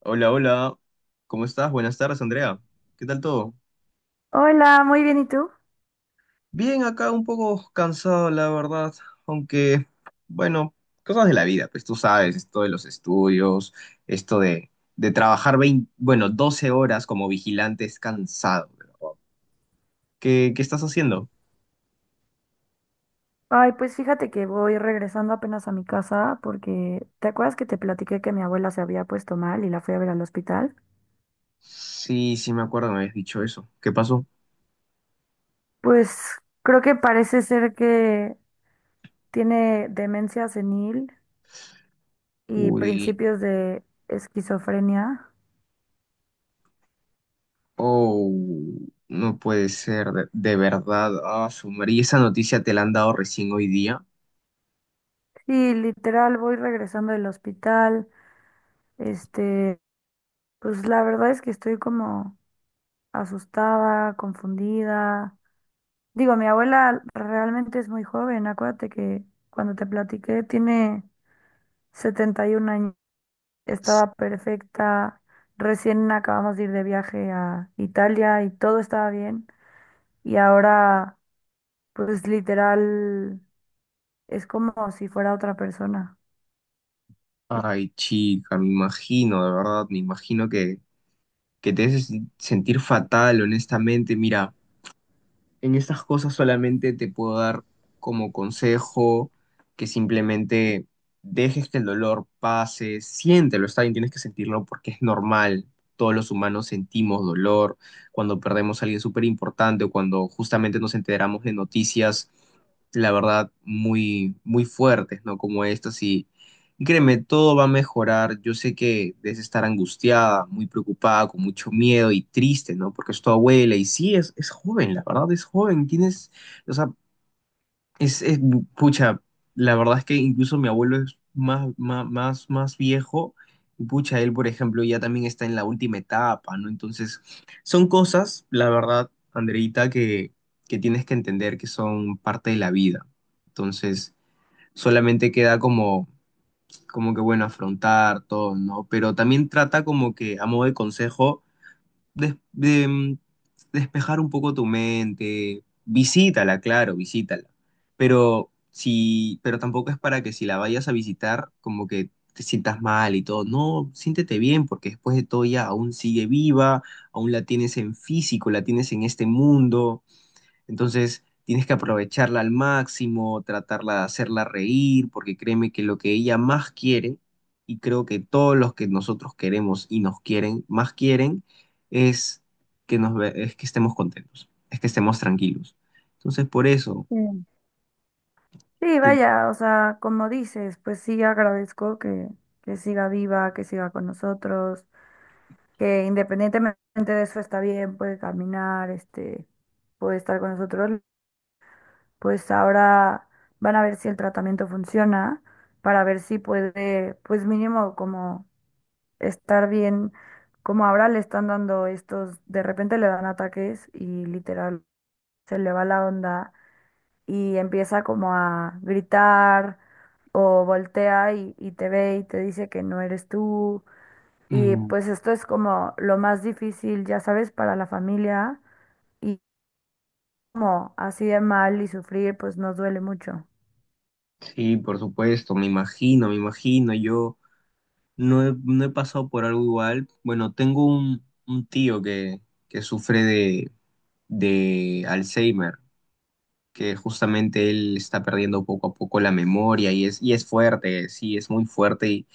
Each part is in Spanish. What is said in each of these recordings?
Hola, hola. ¿Cómo estás? Buenas tardes, Andrea. ¿Qué tal todo? Hola, muy bien, ¿y tú? Bien, acá un poco cansado, la verdad. Aunque, bueno, cosas de la vida, pues tú sabes, esto de los estudios, esto de, de trabajar 20 bueno, 12 horas como vigilante es cansado. ¿Qué estás haciendo? Ay, pues fíjate que voy regresando apenas a mi casa porque ¿te acuerdas que te platiqué que mi abuela se había puesto mal y la fui a ver al hospital? Sí, sí, me acuerdo, me habías dicho eso. ¿Qué pasó? Pues creo que parece ser que tiene demencia senil y Uy, principios de esquizofrenia. oh, no puede ser, de verdad. Ah, su madre. ¿Y esa noticia te la han dado recién hoy día? Sí, literal, voy regresando del hospital. Este, pues la verdad es que estoy como asustada, confundida. Digo, mi abuela realmente es muy joven. Acuérdate que cuando te platiqué tiene 71 años. Estaba perfecta. Recién acabamos de ir de viaje a Italia y todo estaba bien. Y ahora, pues literal, es como si fuera otra persona. Ay, chica, me imagino, de verdad, que te haces sentir fatal, honestamente. Mira, en estas cosas solamente te puedo dar como consejo que simplemente dejes que el dolor pase, siéntelo, está bien, tienes que sentirlo porque es normal. Todos los humanos sentimos dolor cuando perdemos a alguien súper importante o cuando justamente nos enteramos de noticias, la verdad, muy, muy fuertes, ¿no? Como estas y créeme, todo va a mejorar. Yo sé que debes estar angustiada, muy preocupada, con mucho miedo y triste, ¿no? Porque es tu abuela y sí, es joven, la verdad, es joven. Tienes, o sea, es, pucha, la verdad es que incluso mi abuelo es más, más, más viejo y pucha, él, por ejemplo, ya también está en la última etapa, ¿no? Entonces, son cosas, la verdad, Andreita, que tienes que entender que son parte de la vida. Entonces, solamente queda como que bueno, afrontar todo, ¿no? Pero también trata como que, a modo de consejo, des- de, mm, despejar un poco tu mente, visítala, claro, visítala. Pero si, pero tampoco es para que si la vayas a visitar, como que te sientas mal y todo. No, siéntete bien, porque después de todo ya aún sigue viva, aún la tienes en físico, la tienes en este mundo. Entonces, tienes que aprovecharla al máximo, tratarla de hacerla reír, porque créeme que lo que ella más quiere, y creo que todos los que nosotros queremos y nos quieren, más quieren, es es que estemos contentos, es que estemos tranquilos. Entonces, por eso, Mm. Sí, tienes- vaya, o sea, como dices, pues sí agradezco que siga viva, que siga con nosotros, que independientemente de eso está bien, puede caminar, puede estar con nosotros, pues ahora van a ver si el tratamiento funciona, para ver si puede, pues mínimo como estar bien, como ahora le están dando estos, de repente le dan ataques y literal se le va la onda y empieza como a gritar o voltea y te ve y te dice que no eres tú y Mm, pues esto es como lo más difícil, ya sabes, para la familia. Y como así de mal y sufrir, pues nos duele mucho. sí, por supuesto, me imagino, yo no he pasado por algo igual. Bueno, tengo un tío que sufre de Alzheimer. Que justamente él está perdiendo poco a poco la memoria y es fuerte, sí, es muy fuerte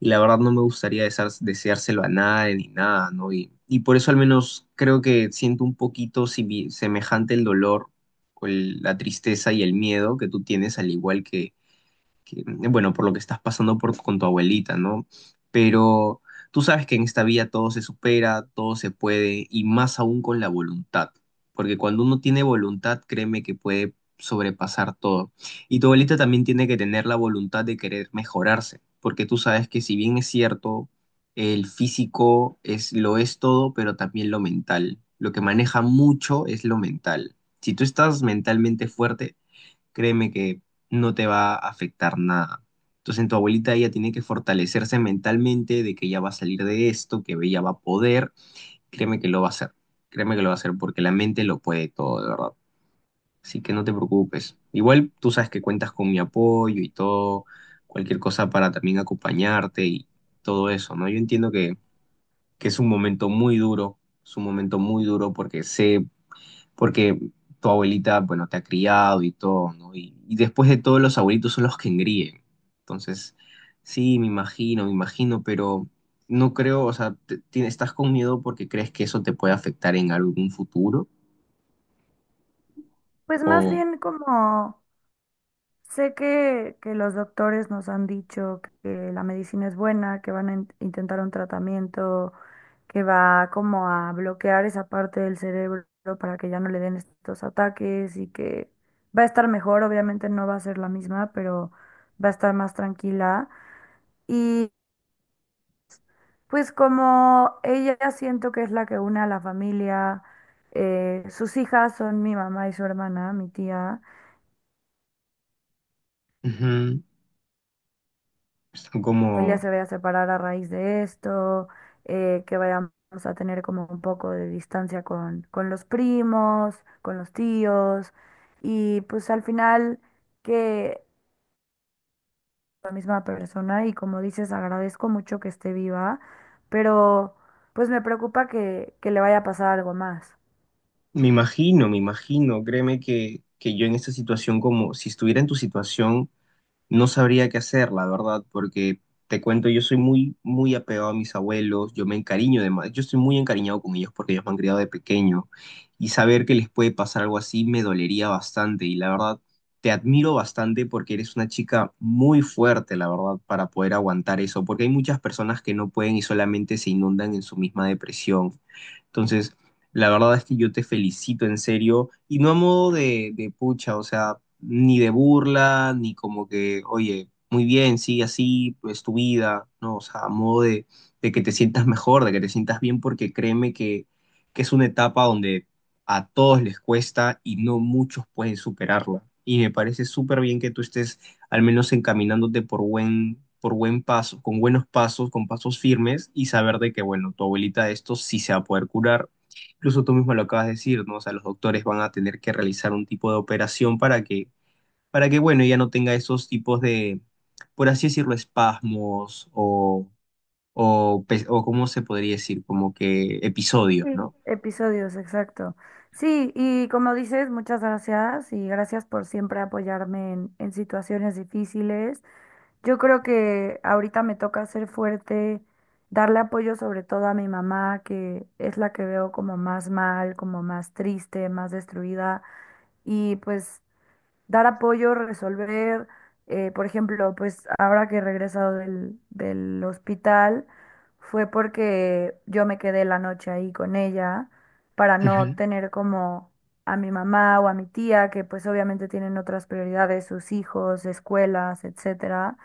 y la verdad no me gustaría deseárselo a nadie ni nada, ¿no? Y por eso al menos creo que siento un poquito semejante el dolor o la tristeza y el miedo que tú tienes, al igual que bueno, por lo que estás pasando por, con tu abuelita, ¿no? Pero tú sabes que en esta vida todo se supera, todo se puede, y más aún con la voluntad, porque cuando uno tiene voluntad, créeme que puede sobrepasar todo. Y tu abuelita también tiene que tener la voluntad de querer mejorarse, porque tú sabes que si bien es cierto, el físico es, lo es todo, pero también lo mental. Lo que maneja mucho es lo mental. Si tú estás mentalmente fuerte, créeme que no te va a afectar nada. Entonces, en tu abuelita ella tiene que fortalecerse mentalmente de que ella va a salir de esto, que ella va a poder. Créeme que lo va a hacer. Créeme que lo va a hacer porque la mente lo puede todo, de verdad. Así que no te preocupes. Igual tú sabes que cuentas con mi apoyo y todo, cualquier cosa para también acompañarte y todo eso, ¿no? Yo entiendo que es un momento muy duro, es un momento muy duro porque sé porque tu abuelita, bueno, te ha criado y todo, ¿no? Y después de todo, los abuelitos son los que engríen. Entonces, sí, me imagino, pero no creo, o sea, estás con miedo porque crees que eso te puede afectar en algún futuro Pues más o. bien como sé que los doctores nos han dicho que la medicina es buena, que van a intentar un tratamiento que va como a bloquear esa parte del cerebro para que ya no le den estos ataques y que va a estar mejor. Obviamente no va a ser la misma, pero va a estar más tranquila. Pues como ella siento que es la que une a la familia, sus hijas son mi mamá y su hermana, mi tía. Ujú, La familia como, se vaya a separar a raíz de esto, que vayamos a tener como un poco de distancia con los primos, con los tíos, y pues al final que la misma persona, y como dices, agradezco mucho que esté viva, pero pues me preocupa que le vaya a pasar algo más. Me imagino, créeme que yo en esta situación, como si estuviera en tu situación, no sabría qué hacer, la verdad, porque te cuento, yo soy muy, muy apegado a mis abuelos, yo me encariño de más, yo estoy muy encariñado con ellos porque ellos me han criado de pequeño y saber que les puede pasar algo así me dolería bastante y la verdad te admiro bastante porque eres una chica muy fuerte, la verdad, para poder aguantar eso, porque hay muchas personas que no pueden y solamente se inundan en su misma depresión. Entonces, la verdad es que yo te felicito en serio y no a modo de pucha, o sea, ni de burla, ni como que, oye, muy bien, sigue así, pues tu vida, no, o sea, a modo de que te sientas mejor, de que te sientas bien, porque créeme que es una etapa donde a todos les cuesta y no muchos pueden superarla. Y me parece súper bien que tú estés al menos encaminándote por buen paso, con buenos pasos, con pasos firmes y saber de que, bueno, tu abuelita de esto sí se va a poder curar. Incluso tú mismo lo acabas de decir, ¿no? O sea, los doctores van a tener que realizar un tipo de operación para que, bueno, ella no tenga esos tipos de, por así decirlo, espasmos o, ¿cómo se podría decir? Como que episodios, Sí, ¿no? episodios, exacto. Sí, y como dices, muchas gracias y gracias por siempre apoyarme en situaciones difíciles. Yo creo que ahorita me toca ser fuerte, darle apoyo sobre todo a mi mamá, que es la que veo como más mal, como más triste, más destruida. Y pues dar apoyo, resolver, por ejemplo, pues ahora que he regresado del hospital, fue porque yo me quedé la noche ahí con ella para no tener como a mi mamá o a mi tía, que pues obviamente tienen otras prioridades, sus hijos, escuelas, etcétera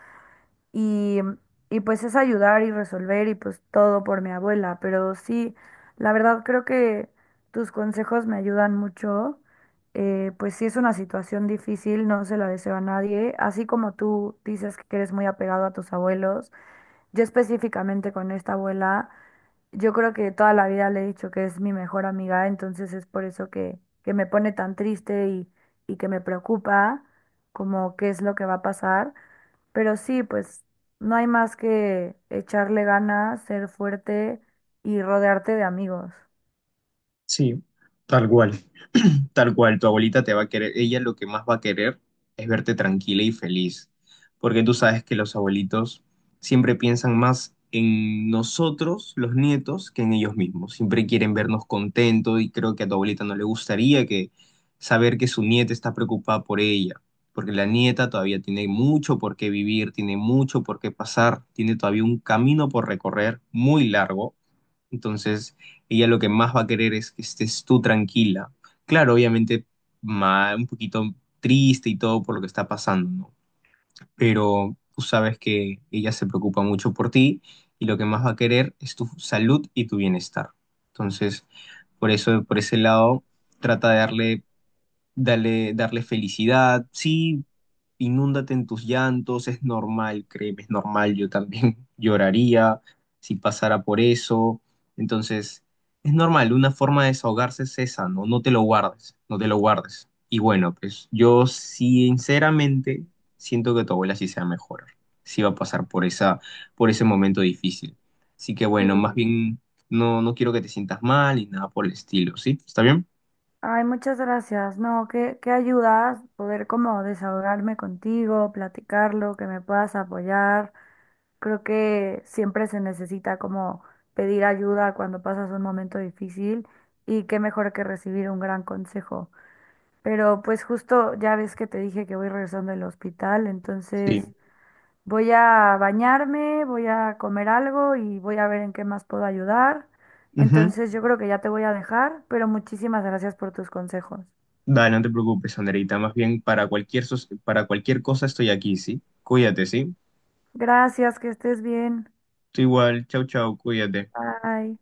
y, y pues es ayudar y resolver y pues todo por mi abuela, pero sí, la verdad creo que tus consejos me ayudan mucho, pues sí es una situación difícil, no se la deseo a nadie, así como tú dices que eres muy apegado a tus abuelos, yo específicamente con esta abuela, yo creo que toda la vida le he dicho que es mi mejor amiga, entonces es por eso que me pone tan triste y que me preocupa como qué es lo que va a pasar. Pero sí, pues no hay más que echarle ganas, ser fuerte y rodearte de amigos. Sí, tal cual. Tal cual, tu abuelita te va a querer, ella lo que más va a querer es verte tranquila y feliz, porque tú sabes que los abuelitos siempre piensan más en nosotros, los nietos, que en ellos mismos. Siempre quieren vernos contentos y creo que a tu abuelita no le gustaría que saber que su nieta está preocupada por ella, porque la nieta todavía tiene mucho por qué vivir, tiene mucho por qué pasar, tiene todavía un camino por recorrer muy largo. Entonces, ella lo que más va a querer es que estés tú tranquila. Claro, obviamente, un poquito triste y todo por lo que está pasando, ¿no? Pero tú sabes que ella se preocupa mucho por ti y lo que más va a querer es tu salud y tu bienestar. Entonces, por eso, por ese lado, trata de darle, darle felicidad. Sí, inúndate en tus llantos, es normal, créeme, es normal, yo también lloraría si pasara por eso. Entonces, es normal, una forma de desahogarse es esa, ¿no? No te lo guardes, no te lo guardes. Y bueno, pues yo sinceramente siento que tu abuela sí se va a mejorar, sí va a pasar por esa, por ese momento difícil. Así que bueno, más Sí. bien no quiero que te sientas mal y nada por el estilo, ¿sí? ¿Está bien? Ay, muchas gracias. No, qué, qué ayudas poder como desahogarme contigo, platicarlo, que me puedas apoyar. Creo que siempre se necesita como pedir ayuda cuando pasas un momento difícil y qué mejor que recibir un gran consejo. Pero pues justo ya ves que te dije que voy regresando del hospital, Sí. entonces voy a bañarme, voy a comer algo y voy a ver en qué más puedo ayudar. Ujú. Entonces yo creo que ya te voy a dejar, pero muchísimas gracias por tus consejos. Dale, no te preocupes, Anderita. Más bien, para cualquier, para cualquier cosa estoy aquí, ¿sí? Cuídate, ¿sí? Gracias, que estés bien. Tú igual, chau, chau, cuídate. Bye.